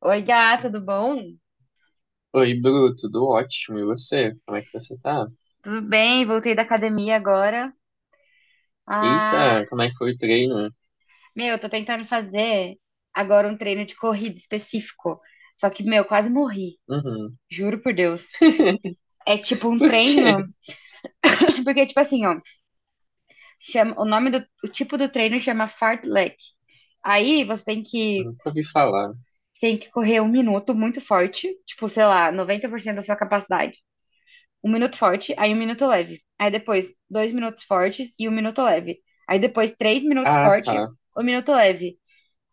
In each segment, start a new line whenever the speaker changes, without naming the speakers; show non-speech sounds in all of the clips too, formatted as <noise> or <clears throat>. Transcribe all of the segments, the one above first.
Oi, gata, tudo bom?
Oi, Bru, tudo ótimo. E você? Como é que você tá?
Tudo bem, voltei da academia agora. Ah,
Eita, como é que foi o treino?
meu, eu tô tentando fazer agora um treino de corrida específico. Só que, meu, quase morri.
Uhum.
Juro por Deus.
<laughs>
É tipo um
Por quê?
treino, <clears throat> porque tipo assim, ó, chama, o nome do o tipo do treino chama fartlek. Aí você tem que
Nunca ouvi falar.
tem que correr um minuto muito forte, tipo, sei lá, 90% da sua capacidade. Um minuto forte, aí um minuto leve. Aí depois, dois minutos fortes e um minuto leve. Aí depois, três minutos
Ah,
forte,
tá.
um minuto leve.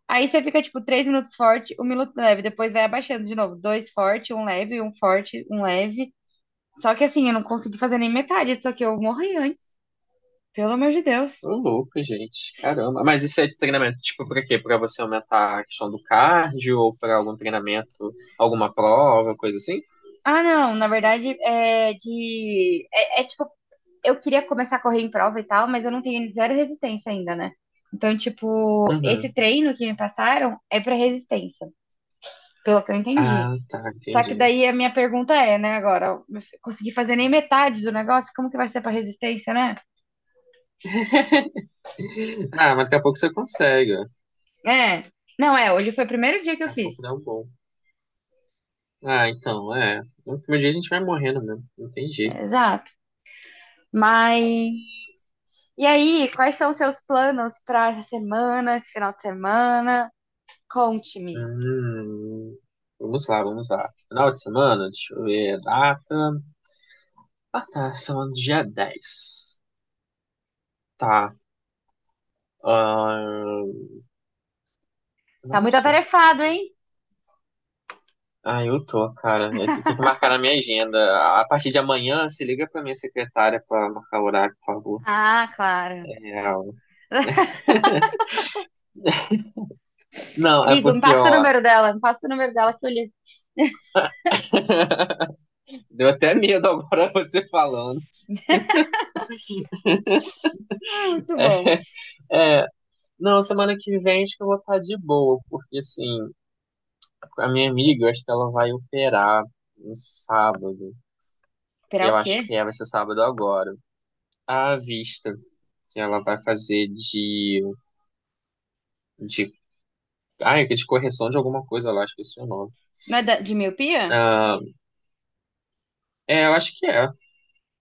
Aí você fica, tipo, três minutos forte, um minuto leve. Depois vai abaixando de novo. Dois forte, um leve, um forte, um leve. Só que assim, eu não consegui fazer nem metade, só que eu morri antes. Pelo amor de Deus.
Ô, louco, gente. Caramba. Mas isso é de treinamento, tipo, pra quê? Pra você aumentar a questão do cardio ou pra algum treinamento, alguma prova, coisa assim?
Ah, não, na verdade, é tipo, eu queria começar a correr em prova e tal, mas eu não tenho zero resistência ainda, né? Então, tipo, esse
Uhum.
treino que me passaram é pra resistência. Pelo que eu entendi.
Ah, tá,
Só que
entendi.
daí a minha pergunta é, né, agora, eu consegui fazer nem metade do negócio, como que vai ser pra resistência, né?
<laughs> Ah, mas daqui a pouco você consegue, ó. Daqui
É, não é, hoje foi o primeiro dia que eu
a
fiz.
pouco dá um bom. Ah, então, é. No último dia a gente vai morrendo mesmo. Não tem jeito.
É, exato. Mas e aí, quais são os seus planos pra essa semana, esse final de semana? Conte-me.
Hum, Vamos lá, vamos lá. Final de semana, deixa eu ver a data. Ah, tá, semana do dia 10. Tá. Ah,
Tá muito
nossa.
atarefado, hein?
Ah, eu tô, cara. Eu tenho que marcar na minha agenda. A partir de amanhã, se liga pra minha secretária pra marcar o horário, por favor.
Ah, claro.
É,
<laughs>
<laughs> não, é
Ligo, me
porque,
passa o
ó,
número dela, me passa o número dela que eu ligo.
<laughs> deu até medo agora <laughs> você falando.
Ah, muito bom.
É, não, semana que vem acho que eu vou estar de boa, porque assim. A minha amiga, eu acho que ela vai operar no sábado.
Esperar o
Eu acho que
quê?
é, vai ser sábado agora. A vista que ela vai fazer de, de correção de alguma coisa lá, acho que esse é o nome.
Não é de miopia?
Ah, é, eu acho que é.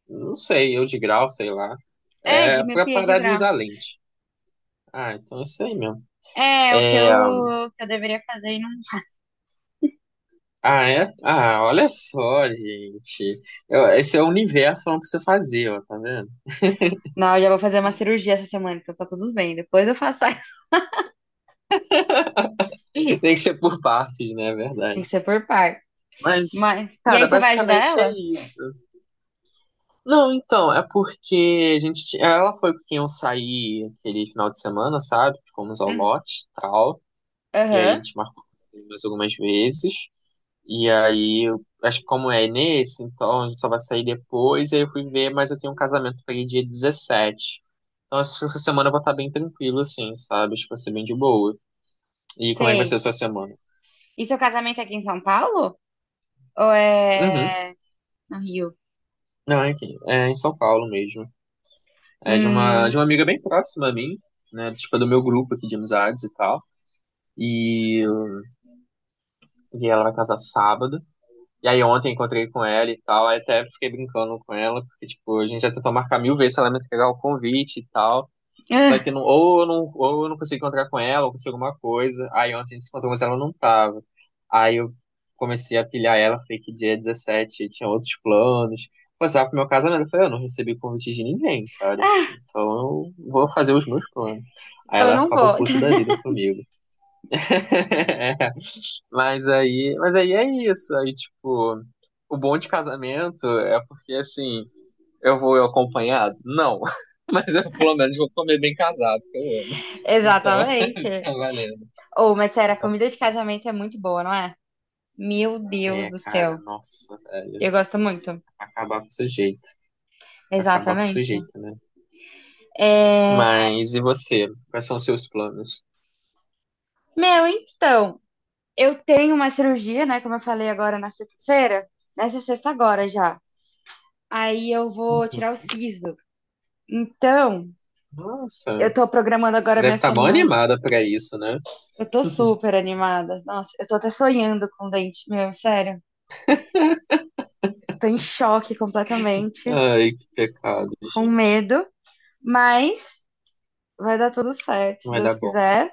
Não sei, eu de grau, sei lá.
É, de
É pra
miopia de
parar de
grau.
usar lente. Ah, então é isso aí mesmo.
É, o que eu,
É,
o que eu deveria fazer e não.
é? Ah, olha só, gente. Esse é o universo falando pra você fazer, ó, tá vendo?
Não, eu já vou fazer uma cirurgia essa semana, então tá tudo bem. Depois eu faço. <laughs>
<laughs> Tem que ser por partes, né? É
Tem
verdade.
que ser por par Mas.
Mas,
E
cara,
aí você vai ajudar
basicamente é
ela?
isso. Não, então, é porque a gente. Ela foi com quem eu saí aquele final de semana, sabe? Fomos ao
Hum,
lote e tal. E aí a
Aham,
gente marcou mais algumas vezes. E aí, acho que como é nesse, então a gente só vai sair depois. E aí eu fui ver, mas eu tenho um casamento pra ir dia 17. Então essa semana eu vou estar bem tranquilo, assim, sabe? Acho que vai ser bem de boa. E como é que vai ser a
sei.
sua semana?
E seu casamento é aqui em São Paulo? Ou
Uhum.
é no Rio?
Não, é aqui. É em São Paulo mesmo. É de uma
Hum.
amiga bem próxima a mim, né? Tipo, do meu grupo aqui de amizades e tal. E, e ela vai casar sábado. E aí ontem encontrei com ela e tal. Aí até fiquei brincando com ela, porque, tipo, a gente já tentou marcar mil vezes se ela me entregar o convite e tal. Só
ah,
que não, ou eu não consegui encontrar com ela, ou consegui alguma coisa. Aí ontem a gente se encontrou, mas ela não tava. Aí eu comecei a pilhar ela, falei que dia é 17 tinha outros planos. Passava pro meu casamento. Eu falei, eu não recebi convite de ninguém, cara.
ah,
Então eu vou fazer os meus planos. Aí
então eu
ela
não
ficava
vou. <laughs>
puta da vida comigo. <laughs> Mas aí é isso. Aí, tipo, o bom de casamento é porque, assim, eu vou acompanhado? Não. <laughs> Mas eu pelo menos vou comer bem casado, que eu amo. Então, <laughs>
Exatamente.
tá valendo.
Ou, mas sério, a
Só faz-
comida de casamento é muito boa, não é? Meu Deus
É,
do
cara,
céu.
nossa, velho.
Eu gosto muito.
Acabar com o sujeito. Acabar com o
Exatamente.
sujeito, né?
É,
Mas e você? Quais são os seus planos?
meu, então. Eu tenho uma cirurgia, né? Como eu falei agora na sexta-feira. Nessa sexta agora já. Aí eu vou tirar o siso. Então, eu
Nossa,
tô programando agora
você
a minha
deve estar mal
semana.
animada pra isso, né?
Eu tô super animada. Nossa, eu tô até sonhando com o dente meu, sério. Tô em choque completamente,
Ai, que pecado,
com
gente.
medo, mas vai dar tudo certo,
Não
se
vai
Deus
dar bom.
quiser.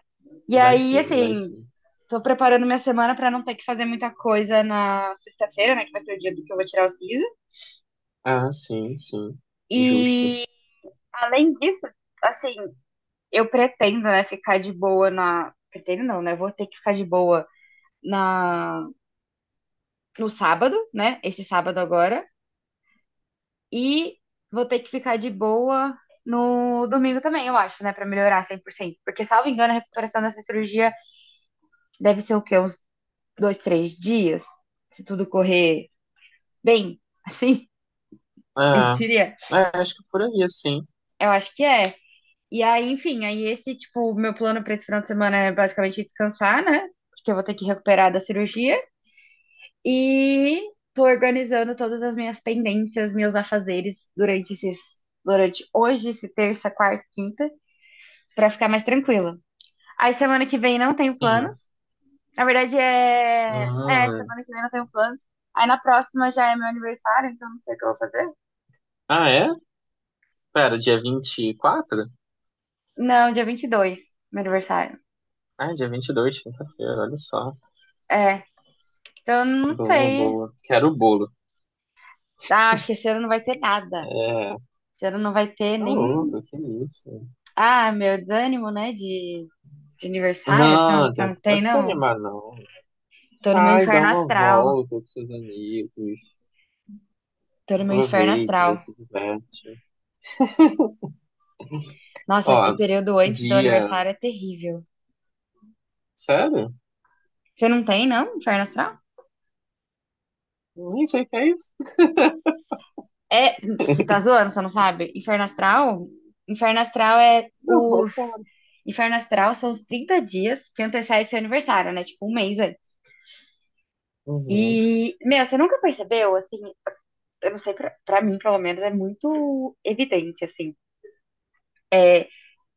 E
Vai
aí,
sim, vai
assim,
sim.
tô preparando minha semana pra não ter que fazer muita coisa na sexta-feira, né? Que vai ser o dia do que eu vou tirar o siso.
Ah, sim, sim. Justo.
E além disso, assim, eu pretendo, né, ficar de boa na. Pretendo não, né? Vou ter que ficar de boa na no sábado, né? Esse sábado agora. E vou ter que ficar de boa no domingo também, eu acho, né? Pra melhorar 100%, porque, salvo engano, a recuperação dessa cirurgia deve ser o quê? Uns dois, três dias? Se tudo correr bem, <laughs> assim, eu
Ah,
diria.
é, acho que por aí, sim.
Eu acho que é. E aí, enfim, aí esse, tipo, o meu plano para esse final de semana é basicamente descansar, né? Porque eu vou ter que recuperar da cirurgia. E tô organizando todas as minhas pendências, meus afazeres durante hoje, esse terça, quarta, quinta, para ficar mais tranquila. Aí semana que vem não tenho planos.
Sim.
Na verdade é, é,
Hum.
semana que vem não tenho planos. Aí na próxima já é meu aniversário, então não sei o que eu vou fazer.
Ah, é? Pera, dia 24?
Não, dia 22 meu aniversário.
Ah, dia 22, quinta-feira, olha só.
É, então não
Boa,
sei.
boa. Quero o bolo.
Ah, acho que esse ano não vai ter nada.
É.
Você não vai ter
Não,
nem.
louco, que isso?
Ah, meu desânimo, né? De aniversário. Você não,
Não,
você não
Tiago,
tem,
pode
não?
desanimar, não.
Tô no meu
Sai, dá
inferno
uma
astral.
volta com seus amigos.
Tô no meu inferno
Aproveita,
astral.
se diverte.
Nossa, esse
Ó,
período antes do
dia.
aniversário é terrível.
Sério?
Você não tem, não? Inferno astral?
Nem sei o que é isso.
É. Você tá
<laughs>
zoando, você não sabe? Inferno astral? Inferno astral é
Não,
os.
nossa.
Inferno astral são os 30 dias que antecede seu aniversário, né? Tipo, um mês antes.
Uhum.
E, meu, você nunca percebeu, assim, eu não sei, pra mim, pelo menos, é muito evidente, assim. É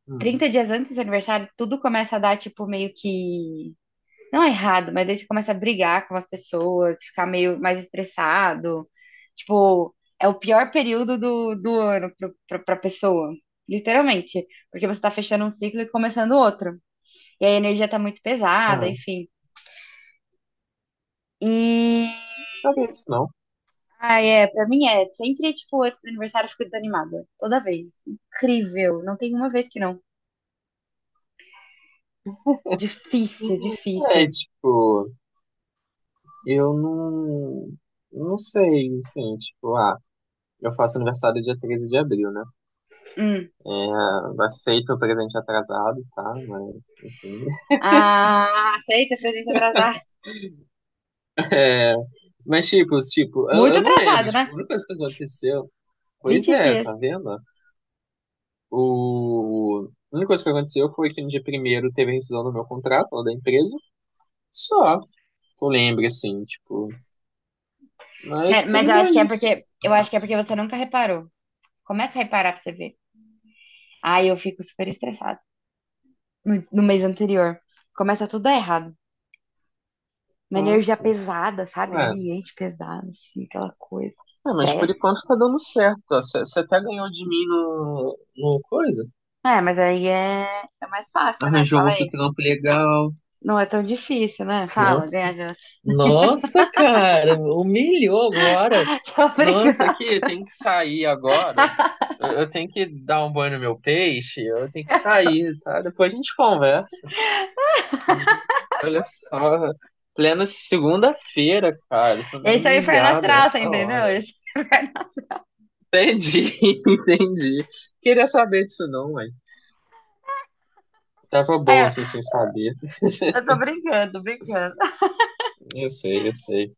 Hum.
30 dias antes do seu aniversário, tudo começa a dar, tipo, meio que. Não é errado, mas daí você começa a brigar com as pessoas, ficar meio mais estressado. Tipo, é o pior período do ano pra pessoa. Literalmente. Porque você tá fechando um ciclo e começando outro. E aí a energia tá muito pesada,
Ah,
enfim. E.
sabia disso não.
Ai, é, pra mim é. Sempre, tipo, antes do aniversário eu fico desanimada. Toda vez. Incrível. Não tem uma vez que não. Difícil,
É,
difícil.
tipo, eu não. Não sei, assim, tipo, ah. Eu faço aniversário dia 13 de abril, né?
Hum.
É, aceito o presente atrasado, tá? Mas, enfim.
Ah, aceita presente atrasado.
<laughs> É, mas, tipo, eu,
Muito
eu não lembro.
atrasado, né?
Tipo, a única coisa que aconteceu. Pois
vinte
é,
dias.
tá vendo? A única coisa que aconteceu foi que no dia primeiro teve a rescisão do meu contrato, lá da empresa. Só. Eu lembro, assim, tipo. Mas
Sério,
tô
mas
de
eu
boa
acho que é porque
isso.
eu acho que é
Nossa.
porque você nunca reparou. Começa a reparar pra você ver. Aí eu fico super estressada no mês anterior. Começa tudo a dar errado. Uma energia
Nossa.
pesada, sabe?
Ué.
Ambiente pesado, assim, aquela coisa.
É, mas por
Estresse.
enquanto tá dando certo, ó. Você até ganhou de mim no coisa.
É, mas aí é mais fácil, né?
Arranjou
Fala
outro
aí.
trampo legal.
Não é tão difícil, né? Fala,
Nossa,
ganha de você.
nossa, cara, humilhou agora.
<laughs> Tô brincando.
Nossa, aqui tem que sair agora. Eu tenho que dar um banho no meu peixe. Eu tenho que sair, tá? Depois a gente conversa. Gente, olha só, plena segunda-feira, cara, sendo
Esse é o inferno
humilhado a
astral, você
essa
entendeu?
hora.
Esse é o inferno.
Entendi, <laughs> entendi. Queria saber disso não, mãe. Tava
Aí,
bom
ó,
assim, sem saber.
eu tô brincando, brincando.
Eu sei, eu sei.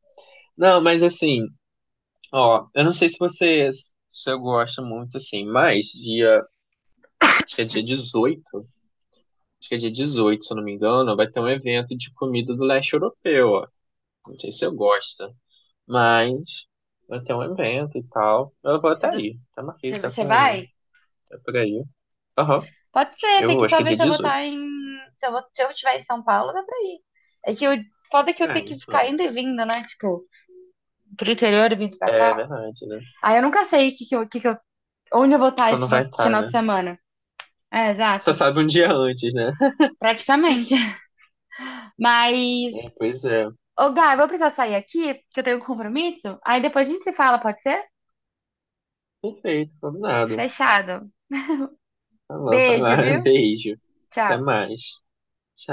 Não, mas assim. Ó, eu não sei se vocês, se eu gosto muito assim, mas dia, acho que é dia 18, acho que é dia 18, se eu não me engano, vai ter um evento de comida do leste europeu, ó. Não sei se eu gosto, mas vai ter um evento e tal. Eu vou até
É do-
aí, tá aqui,
Você
tá
você vai?
com, tá por aí. Aham,
Pode ser,
eu
tem
vou,
que
acho
só
que é
ver
dia
se eu vou
18,
estar em. Se eu estiver em São Paulo, dá pra ir. É que eu... foda é que eu
é,
tenho que ficar
então,
indo e vindo, né? Tipo, pro interior e vindo pra
é
cá.
verdade, né?
Aí eu nunca sei onde eu vou estar esse
Quando
final...
vai estar,
final
né?
de semana. É,
Só
exato.
sabe um dia antes, né? <laughs>
Praticamente. <laughs> Mas.
É, pois é.
Ô, Gá, eu vou precisar sair aqui, porque eu tenho um compromisso. Aí depois a gente se fala, pode ser?
Perfeito, combinado.
Fechado.
Tá bom, vai
Beijo,
lá, <laughs>
viu?
beijo. Até
Tchau.
mais. Tchau.